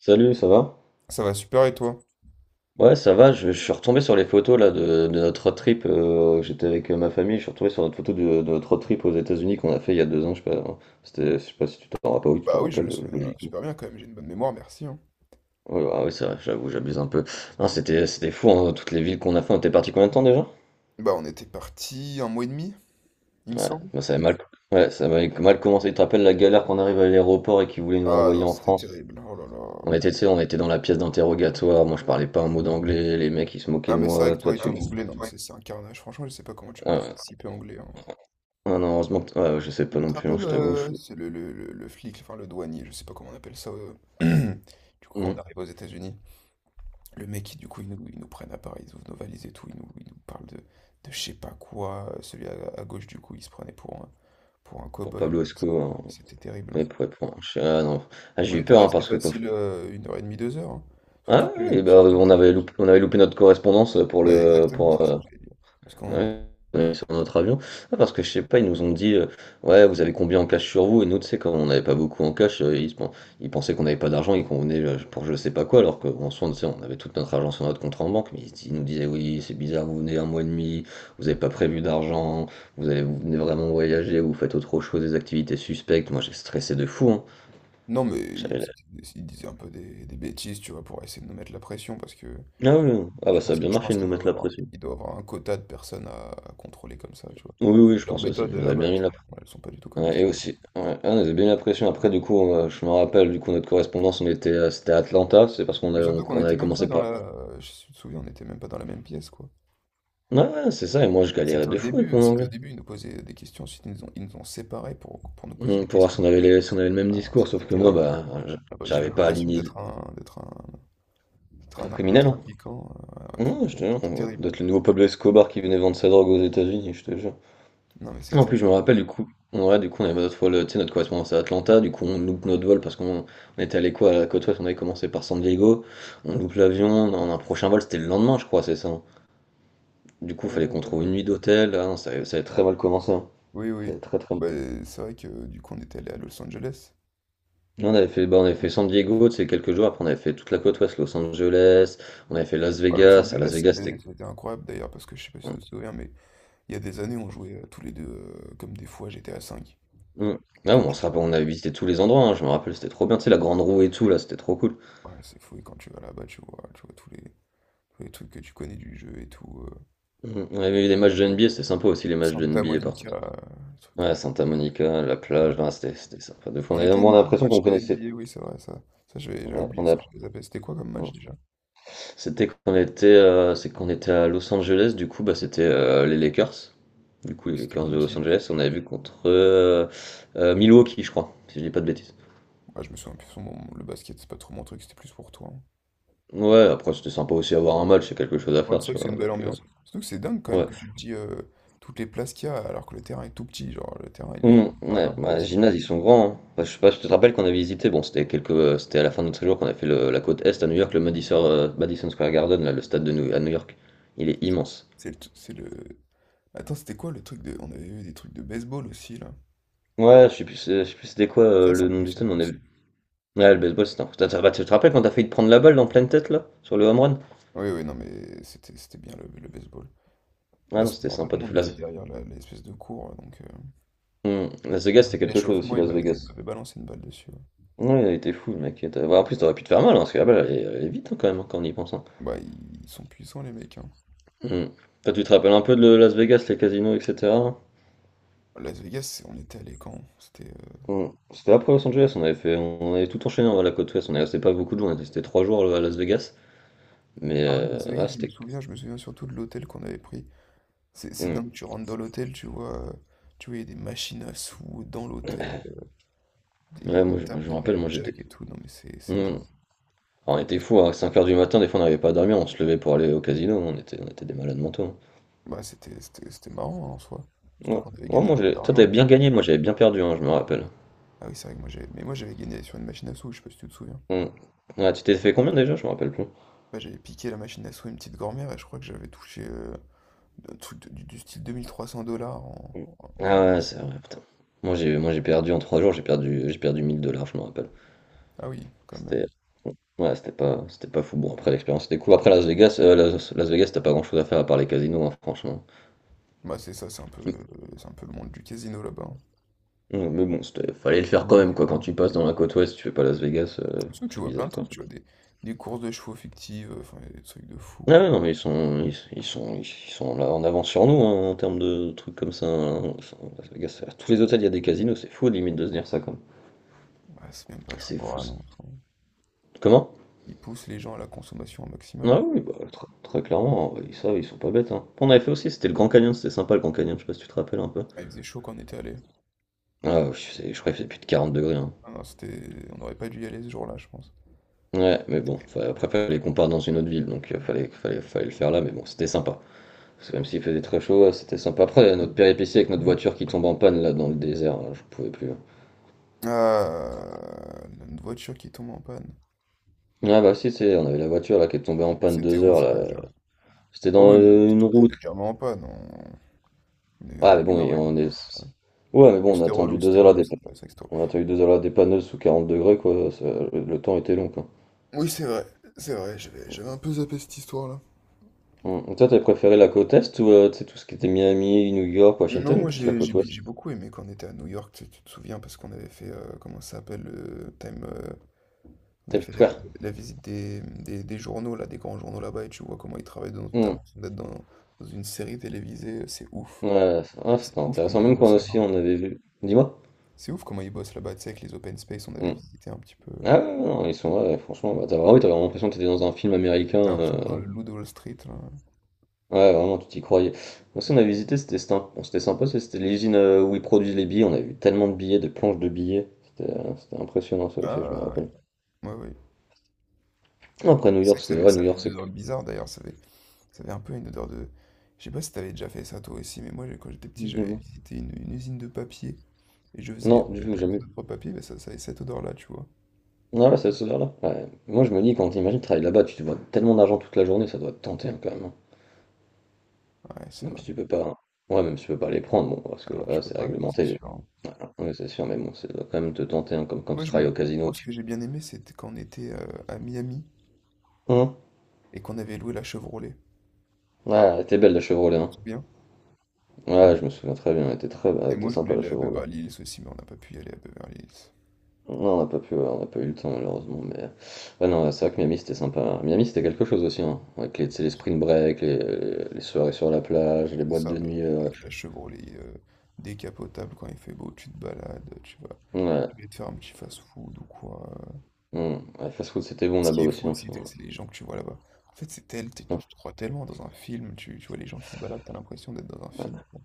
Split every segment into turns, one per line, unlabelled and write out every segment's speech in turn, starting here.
Salut, ça va?
Ça va super et toi?
Ouais, ça va, je suis retombé sur les photos là de notre road trip. J'étais avec ma famille, je suis retombé sur notre photo de notre road trip aux États-Unis qu'on a fait il y a 2 ans. Je sais pas, hein. C'était, je sais pas si tu t'en rappelles, oui, tu
Bah
t'en
oui, je me
rappelles,
souviens
logiquement.
super bien quand même, j'ai une bonne mémoire, merci, hein.
Ouais, ah oui, c'est vrai, j'avoue, j'abuse un peu. Non, c'était fou, hein, toutes les villes qu'on a fait. On était parti combien de temps déjà?
Bah on était parti 1 mois et demi, il me
Ouais,
semble.
moi, ça avait mal, ouais, ça avait mal commencé. Tu te rappelles la galère qu'on arrive à l'aéroport et qu'ils voulaient nous
Ah
renvoyer
non,
en
c'était
France?
terrible, oh là
On
là.
était, tu sais, on était dans la pièce d'interrogatoire. Moi, je parlais pas un mot d'anglais. Les mecs, ils se moquaient
Ah
de
mais c'est vrai
moi.
que toi
Toi,
et
tu.
ton anglais, non mais c'est un carnage, franchement je sais pas comment tu peux
Ouais.
participer anglais, hein.
Ah non, heureusement que ouais, je sais
Mais
pas
tu te
non plus, hein,
rappelles,
je t'avoue, je
c'est le flic, enfin le douanier, je sais pas comment on appelle ça. Du coup
mmh
quand on
mh.
arrive aux États-Unis, le mec qui du coup ils nous prennent à Paris, ils ouvrent nos valises et tout, ils nous parlent de, je sais pas quoi. Celui à gauche du coup il se prenait pour un
Pour
cow-boy,
Pablo
l'autre, je sais
Esco, hein,
pas, mais c'était terrible, hein.
mais pour ah non. Ah
On
j'ai eu
était
peur, hein,
resté
parce que quand je
facile 1 heure et demie, 2 heures, hein. Surtout
ah
que,
oui, bah,
surtout
on
que,
avait loupé on avait loupé notre correspondance, pour
bah
le
exactement,
pour,
c'est ça que j'allais dire. Parce qu'on,
ouais, ouais, sur notre avion. Ah, parce que je sais pas, ils nous ont dit, ouais, vous avez combien en cash sur vous? Et nous, tu sais, comme on n'avait pas beaucoup en cash, ils, ils pensaient qu'on n'avait pas d'argent et qu'on venait pour je sais pas quoi, alors qu'en soi, tu sais, on avait toute notre argent sur notre compte en banque. Mais ils nous disaient, oui, c'est bizarre, vous venez 1 mois et demi, vous n'avez pas prévu d'argent, vous allez, vous venez vraiment voyager, vous faites autre chose, des activités suspectes. Moi, j'ai stressé de fou, hein.
non mais
J'avais
ils,
la-
disaient un peu des bêtises, tu vois, pour essayer de nous mettre la pression, parce que
Ah oui, oui. Ah
je
bah ça a
pense
bien
qu'ils, je
marché
pense
de nous
qu'ils doivent
mettre la
avoir,
pression.
ils doivent avoir un quota de personnes à contrôler comme ça, tu vois.
Oui, oui,
Puis
je
leurs
pense aussi.
méthodes
Ils nous avaient
là-bas,
bien mis la
ouais, elles sont pas du tout comme
ouais,
ici.
et aussi, ouais. Ah, on avait bien l'impression. Après, du coup, on, je me rappelle, du coup, notre correspondance, on était, c'était à Atlanta. C'est parce qu'on
Mais
avait,
surtout qu'on
on
n'était
avait
même pas
commencé par.
je me souviens, on n'était même pas dans la même pièce, quoi.
Ouais, ouais, c'est ça. Et moi, je
C'était
galérais
au
de fou avec
début,
mon
c'était au
anglais.
début, ils nous posaient des questions, ensuite ils nous ont séparés pour nous poser des
Mm, pour voir
questions.
si on avait les, si on avait le même
Ah,
discours. Sauf
c'était
que moi,
terrible.
bah,
Ah bah, j'avais
j'arrivais pas à
l'impression
aligner
d'être un
un criminel. Hein.
narcotrafiquant, un
Non, je
criminel.
te jure.
C'est terrible.
D'être le nouveau Pablo Escobar qui venait vendre sa drogue aux États-Unis, je te jure.
Non, mais c'est
En plus, je me
terrible.
rappelle du coup, on ouais, du coup, on avait notre vol, tu sais, notre correspondance à Atlanta, du coup, on loupe notre vol parce qu'on on était allé quoi à la côte ouest, on avait commencé par San Diego, on loupe l'avion, on a un prochain vol, c'était le lendemain, je crois, c'est ça. Hein. Du coup, fallait qu'on trouve une
Euh,
nuit d'hôtel, ah non, ça avait très mal commencé, hein.
oui,
Ça
oui.
avait très très mal.
Bah, c'est vrai que du coup, on était allé à Los Angeles.
Là, on avait fait, bah, on avait fait San Diego, tu sais, quelques jours, après on avait fait toute la côte ouest, Los Angeles, on avait fait Las
Bah, Los
Vegas, à
Angeles,
Las Vegas,
c'était
c'était.
c'était incroyable d'ailleurs, parce que je sais pas si vous vous souvenez, mais il y a des années, on jouait tous les deux comme des fous à GTA V.
Mm.
Et
Ah,
quand
on
tu
se
vas
rappelle, on avait visité tous les endroits, hein, je me rappelle, c'était trop bien, tu sais, la grande roue et tout, là, c'était trop cool.
là- Ouais, c'est fou, et quand tu vas là-bas, tu vois, tous les trucs que tu connais du jeu et tout.
Mm. On avait vu des matchs de NBA, c'était sympa aussi les matchs de
Santa
NBA par
Monica, des trucs
ouais,
comme
Santa Monica, la
ça.
plage, non, c'était sympa. De fou.
On était
On a
allé voir un
l'impression
match
qu'on
de
connaissait.
NBA, oui, c'est vrai, ça. Ça, j'avais
Ouais,
oublié
on a...
ça, je les avais. C'était quoi comme
ouais.
match déjà?
C'est qu'on était à Los Angeles, du coup, bah, c'était les Lakers. Du coup, les
C'était
Lakers
contre
de Los
qui?
Angeles, on avait vu contre Milwaukee, je crois, si je dis pas de bêtises.
Ah, je me souviens plus, son nom. Le basket, c'est pas trop mon truc, c'était plus pour toi, hein.
Ouais, après, c'était sympa aussi avoir un match, c'est quelque chose à
Ouais,
faire,
c'est
tu
vrai que
vois.
c'est une belle
Donc,
ambiance. Surtout que c'est dingue quand même
ouais.
que tu te dis toutes les places qu'il y a alors que le terrain est tout petit. Genre, le terrain, il paraît
Ouais,
vraiment
ouais,
petit.
gymnase, ils sont grands. Hein. Bah, je sais pas si tu te rappelles qu'on avait visité, bon, c'était à la fin de notre séjour qu'on a fait la côte Est à New York, le Madison, Madison Square Garden, là, le stade de à New York. Il est immense.
C'est le, t- c'est le... Attends, c'était quoi le truc de... On avait eu des trucs de baseball aussi, là.
Ouais, je sais plus c'était quoi
Ça, c'est
le nom du stade,
impressionnant
mais on a
aussi.
vu. Ouais, le baseball, c'était un... coup. Bah, tu te rappelles quand t'as failli te prendre la balle en pleine tête, là, sur le home run?
Oui, oui, non, mais c'était bien le baseball.
Ah
Bah,
non, c'était
en fait,
sympa de
nous, on
fou.
était
Las...
derrière l'espèce de cours, donc,
Las Vegas,
pendant
c'était quelque chose
l'échauffement,
aussi,
il
Las
m'avait il
Vegas.
m'avait balancé une balle dessus.
Ouais, il a été fou, le mec. Ouais, en plus, t'aurais pu te faire mal, hein, parce que la balle, elle est vite, hein, quand même, hein, quand on y pense. Hein.
Bah, ils sont puissants, les mecs, hein.
Hum. Toi, tu te rappelles un peu de Las Vegas, les casinos, etc.
Las Vegas, on était allé quand? C'était.
Hmm. C'était après Los Angeles, on avait fait, on avait tout enchaîné à la côte ouest, on est resté pas beaucoup de jours, on était resté 3 jours à Las Vegas, mais
Ah ouais, Las Vegas,
ouais,
je me
c'était.
souviens, je me souviens surtout de l'hôtel qu'on avait pris. C'est
Hmm.
dingue, tu rentres dans l'hôtel, tu vois, il y a des machines à sous dans l'hôtel, des
Ouais,
tables
je me
de
rappelle, moi j'étais.
blackjack et tout. Non, mais c'est
Hmm.
c'est
Alors,
dingue.
on était fous, à 5 heures du matin, des fois on n'arrivait pas à dormir, on se levait pour aller au casino, on était des malades mentaux.
Bah, c'était marrant, hein, en soi. Surtout
Hein.
qu'on avait
Ouais. Ouais,
gagné un peu
toi t'avais
d'argent.
bien gagné, moi j'avais bien perdu, hein, je me rappelle.
Ah oui, c'est vrai que moi j'avais. Mais moi j'avais gagné sur une machine à sous, je sais pas si tu te souviens.
Hmm. Ouais, tu t'es fait combien déjà? Je me rappelle plus.
Bah, j'avais piqué la machine à sous à une petite grand-mère et je crois que j'avais touché un truc du style 2 300 $ en
Hmm. Ah ouais, c'est vrai, putain. Moi j'ai perdu en 3 jours, j'ai perdu 1000 dollars, je me rappelle.
Ah oui, quand même.
C'était ouais, c'était pas fou. Bon, après l'expérience était cool. Après Las Vegas, Las Vegas, t'as pas grand-chose à faire à part les casinos, hein, franchement.
Bah c'est ça, c'est un peu le monde du casino là-bas, hein.
Mm. Mais bon, c'était fallait le faire
Le
quand
monde
même
du
quoi. Quand tu
gambling.
passes dans la côte ouest, tu fais pas Las Vegas,
Parce que tu
c'est
vois plein
bizarre
de
quand
trucs,
même.
tu vois des courses de chevaux fictives, enfin y a des trucs de fou
Ah
quoi.
ouais, non mais ils sont là en avance sur nous hein, en termes de trucs comme ça. Hein. Ils sont- Las Vegas, à tous les hôtels il y a des casinos, c'est fou limite de se dire ça comme.
Ouais, c'est même pas très
C'est fou.
moral,
Ça.
hein, enfin.
Comment?
Ils poussent les gens à la consommation au maximum,
Ah
hein.
oui, bah, très, clairement, ils savent, ils sont pas bêtes. Hein. On avait fait aussi, c'était le Grand Canyon, c'était sympa le Grand Canyon, je sais pas si tu te rappelles un peu.
Ah, il faisait chaud quand on était allé.
Ah, ouais, je crois qu'il faisait plus de 40 degrés. Hein.
Ah non, c'était, on n'aurait pas dû y aller ce jour-là, je pense.
Ouais, mais bon, enfin, après, fallait qu'on parte dans une autre ville, donc fallait le faire là, mais bon, c'était sympa. Parce que même s'il faisait très chaud, c'était sympa. Après, notre péripétie avec notre voiture qui tombe en panne là dans le désert, là, je pouvais plus. Hein.
Ah, une voiture qui tombe en panne.
Ah bah si, c'est, on avait la voiture là qui est tombée en panne
C'était
deux
où
heures
ça
là.
déjà?
C'était
Ah
dans
oui, mais elle était
une
tombée
route.
légèrement en panne.
Ah mais
Oui,
bon,
non,
et
oui, non,
on
c'est
est.
vrai.
Ouais, mais bon,
C'était relou, c'était relou, c'est vrai que c'était.
on a attendu deux heures là des panneuses sous 40 degrés quoi. Ça- le temps était long quoi.
Oui, c'est vrai, j'avais un peu zappé cette histoire-là.
Hum. Toi, t'avais préféré la côte est ou tu sais, tout ce qui était Miami, New York,
Non,
Washington ou
moi
plus la
j'ai j'ai
côte
bi-
ouest?
j'ai beaucoup aimé quand on était à New York, tu te souviens, parce qu'on avait fait, comment ça s'appelle, on
T'as
avait
vu
fait la,
quoi?
la visite des journaux, là, des grands journaux là-bas, et tu vois comment ils travaillent, t'as
Hmm.
l'impression d'être dans une série télévisée, c'est ouf.
Ouais, ouais, c'est- ah,
C'est
c'était
ouf comment
intéressant.
ils
Même quand
bossent là-bas.
aussi on avait vu. Dis-moi.
C'est ouf comment ils bossent là-bas, tu sais, avec les open space, on avait
Hmm.
visité un petit peu.
Ah ouais, ouais, non, ils sont ouais, franchement, bah, t'as vraiment, oui, t'as vraiment l'impression que t'étais dans un film américain.
T'as l'impression d'être dans le Loup de Wall Street, là.
Ouais, vraiment, tu t'y croyais. Moi, ce qu'on a visité, c'était sympa, c'était l'usine où ils produisent les billets. On a vu tellement de billets, de planches de billets. C'était impressionnant, ça aussi, je me
Ah,
rappelle.
ouais, ouais, ouais.
Après, New
C'est vrai
York,
que ça
c'était.
avait,
Ouais,
ça
New
avait
York,
une
c'est. Que-
odeur bizarre d'ailleurs. Ça avait un peu une odeur de... Je sais pas si t'avais déjà fait ça toi aussi, mais moi quand j'étais petit, j'avais
Dis-moi.
visité une usine de papier. Et je faisais...
Non, du tout,
On avait fait
jamais.
deux, trois papiers, mais ça avait cette odeur-là, tu vois.
Non, là, c'est ce là ouais. Moi, je me dis, quand t'imagines travailler là-bas, tu te vois tellement d'argent toute la journée, ça doit te tenter hein, quand même. Hein.
Ouais, c'est
Même
vrai.
si tu peux pas. Ouais, même si tu peux pas les prendre, bon, parce que
Ah non, tu
voilà,
peux
c'est
pas, c'est
réglementé.
sûr, hein.
Voilà. Ouais, c'est sûr, mais bon, ça doit quand même te tenter, hein, comme quand
Moi,
tu
je
travailles au
me...
casino,
Moi, ce
tu.
que j'ai bien aimé, c'était quand on était à Miami
Hein.
et qu'on avait loué la Chevrolet.
Ouais, elle était belle la Chevrolet, hein.
C'est bien.
Ouais, je me souviens très bien, elle était très
Et
elle était
moi, je voulais
sympa la
aller à
Chevrolet.
Beverly Hills aussi, mais on n'a pas pu y aller à Beverly Hills.
Non, on n'a pas pu, on n'a pas eu le temps malheureusement, mais. Ouais, non, c'est vrai que Miami c'était sympa. Miami c'était quelque chose aussi, hein. Avec les, tu sais, les spring break, les soirées sur la plage, les
C'est
boîtes
ça,
de
mais
nuit.
avec la Chevrolet décapotable, quand il fait beau, tu te balades, tu vas...
Ouais,
Tu vas te faire un petit fast-food ou quoi.
ouais, Ouais, fast food c'était bon
Ce
là-bas
qui est fou
aussi, hein,
aussi,
putain.
t c'est les gens que tu vois là-bas. En fait, c'est tel tu tu te crois tellement dans un film, tu vois les gens qui se baladent, t'as l'impression d'être dans un film. Bon,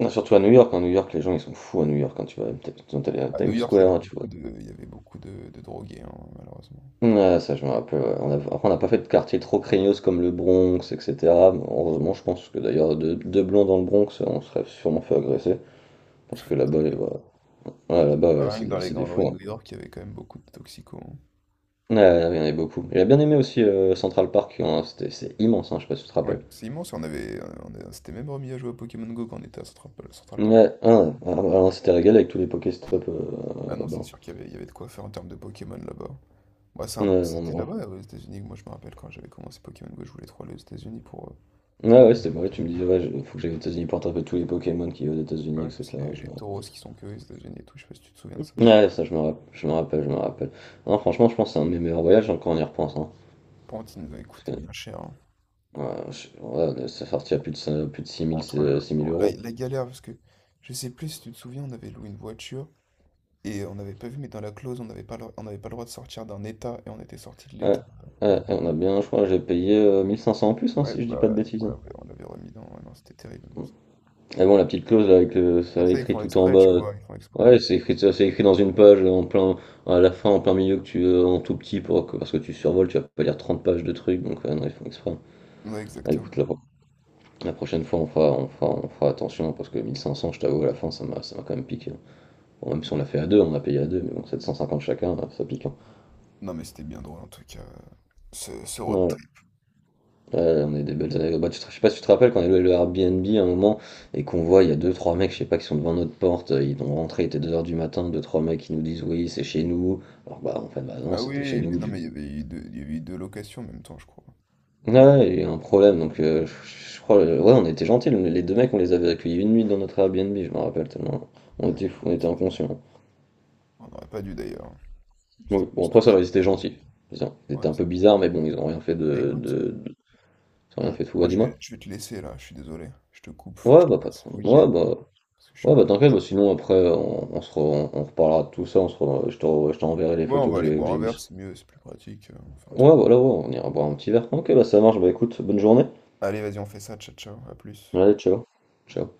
Non, surtout à New York, hein. New York, les gens ils sont fous à New York quand tu vas peut-être quand à
à New
Times
York, il y
Square,
avait
hein, tu vois.
beaucoup de il y avait beaucoup de drogués, hein, malheureusement.
Ouais, ça je me rappelle, ouais. Après on n'a pas fait de quartier trop craignos comme le Bronx, etc. Mais heureusement, je pense que d'ailleurs deux blonds dans le Bronx, on serait sûrement fait agresser. Parce que là-bas, voilà. Ouais, là-bas ouais,
Bah, rien que dans les
c'est des
grandes rues
fous,
de
hein.
New York, il y avait quand même beaucoup de toxicos, hein.
Ouais, ouais, il y en avait beaucoup. J'ai bien aimé aussi Central Park, hein, c'est immense, hein, je sais pas si tu te
Ouais,
rappelles.
c'est immense, on avait on s'était même remis à jouer à Pokémon Go quand on était à Central
Ouais,
Park.
ouais, on s'était régalé avec tous les Pokéstops
Ah non, c'est
là-bas.
sûr qu'il y avait de quoi faire en termes de Pokémon là-bas. Bah, c'est
Ouais,
un
non,
c'était
non.
là-bas, aux États-Unis, que moi, je me rappelle quand j'avais commencé Pokémon Go, je voulais trop aller aux États-Unis pour, heu,
Ah
pour
ouais, c'était vrai, tu me disais, ouais, faut que j'aille aux États-Unis pour attraper tous les Pokémon qui vivent aux
bah,
États-Unis,
ouais, parce qu'il y
etc.
avait
Je
les
me
taureaux
rappelle.
qui sont que aux États-Unis et tout, je sais pas si tu te souviens de ça?
Ouais, ça, je me rappelle, je me rappelle, je me rappelle. Non, franchement, je pense que c'est un de mes meilleurs voyages, hein, quand on y repense. Hein,
Pantene doit
parce
coûter
que,
bien cher, hein.
ouais, ouais, ça sortit à plus de 6000
Entre
6000
la,
euros.
la galère, parce que je sais plus si tu te souviens, on avait loué une voiture et on n'avait pas vu, mais dans la clause, on n'avait pas le droit de sortir d'un état et on était sorti de
Ouais,
l'état.
ouais,
Ah.
ouais, on a bien, je crois, j'ai payé 1500 en plus, hein,
Ouais,
si je dis
bah
pas
là,
de bêtises,
on
hein.
l'avait, on l'avait remis dans. Ouais, non, c'était terrible.
Et bon, la petite clause, là, avec le,
Et
ça
ça, ils
écrit
font
tout en
exprès,
bas,
tu vois, ils font exprès.
ouais, c'est écrit, ça, c'est écrit dans une page, en plein, à la fin, en plein milieu, que tu, en tout petit, parce que tu survoles, tu vas pas lire 30 pages de trucs, donc, ouais, non, ils font exprès, hein.
Ouais,
Ah,
exactement.
écoute, la prochaine fois, on fera attention, parce que 1500, je t'avoue, à la fin, ça m'a quand même piqué, hein. Bon, même si on l'a
Oui,
fait à deux,
oui.
on a payé à deux, mais bon, 750 chacun, ça pique, hein.
Non, mais c'était bien drôle en tout cas, ce road
Ouais,
trip.
ouais, on est des belles années. Bah, je sais pas si tu te rappelles, quand on est allé au Airbnb à un moment, et qu'on voit, il y a deux, trois mecs, je sais pas, qui sont devant notre porte, ils ont rentré, il était 2 heures du matin, deux, trois mecs qui nous disent, oui, c'est chez nous. Alors, bah, en fait, bah non,
Ah
c'était chez
oui, mais
nous,
non,
du coup.
mais il y avait eu deux, il y avait eu deux locations en même temps, je crois.
Ouais, il y a un problème, donc je crois, ouais, on était gentils, les deux mecs, on les avait accueillis une nuit dans notre Airbnb, je me rappelle tellement. On
Ouais.
était fous, on était inconscients.
On n'aurait pas dû d'ailleurs. C'était
Oui, bon,
plus
après,
toi
ça
qui.
va, ils étaient gentils. Ils
Ouais,
étaient un peu
ça.
bizarres, mais bon,
Mais écoute.
ils ont rien
Hmm.
fait de fou. Ouais,
Moi, je vais,
dis-moi.
je vais te laisser là, je suis désolé. Je te coupe, faut que
Ouais,
je
bah,
te
pas de
laisse. Faut
problème.
que j'y aille. Parce que je suis un
Ouais,
peu
bah, t'inquiète,
pressé.
bah, sinon, après, on reparlera de tout ça. Je t'enverrai les
Ouais, on
photos
va aller
que
boire
j'ai
un verre,
vues.
c'est mieux, c'est plus pratique. On fait un truc.
Ouais, voilà, ouais, on ira boire un petit verre. Ok, bah, ça marche. Bah, écoute, bonne journée.
Allez, vas-y, on fait ça, ciao, ciao, à plus.
Allez, ciao. Ciao.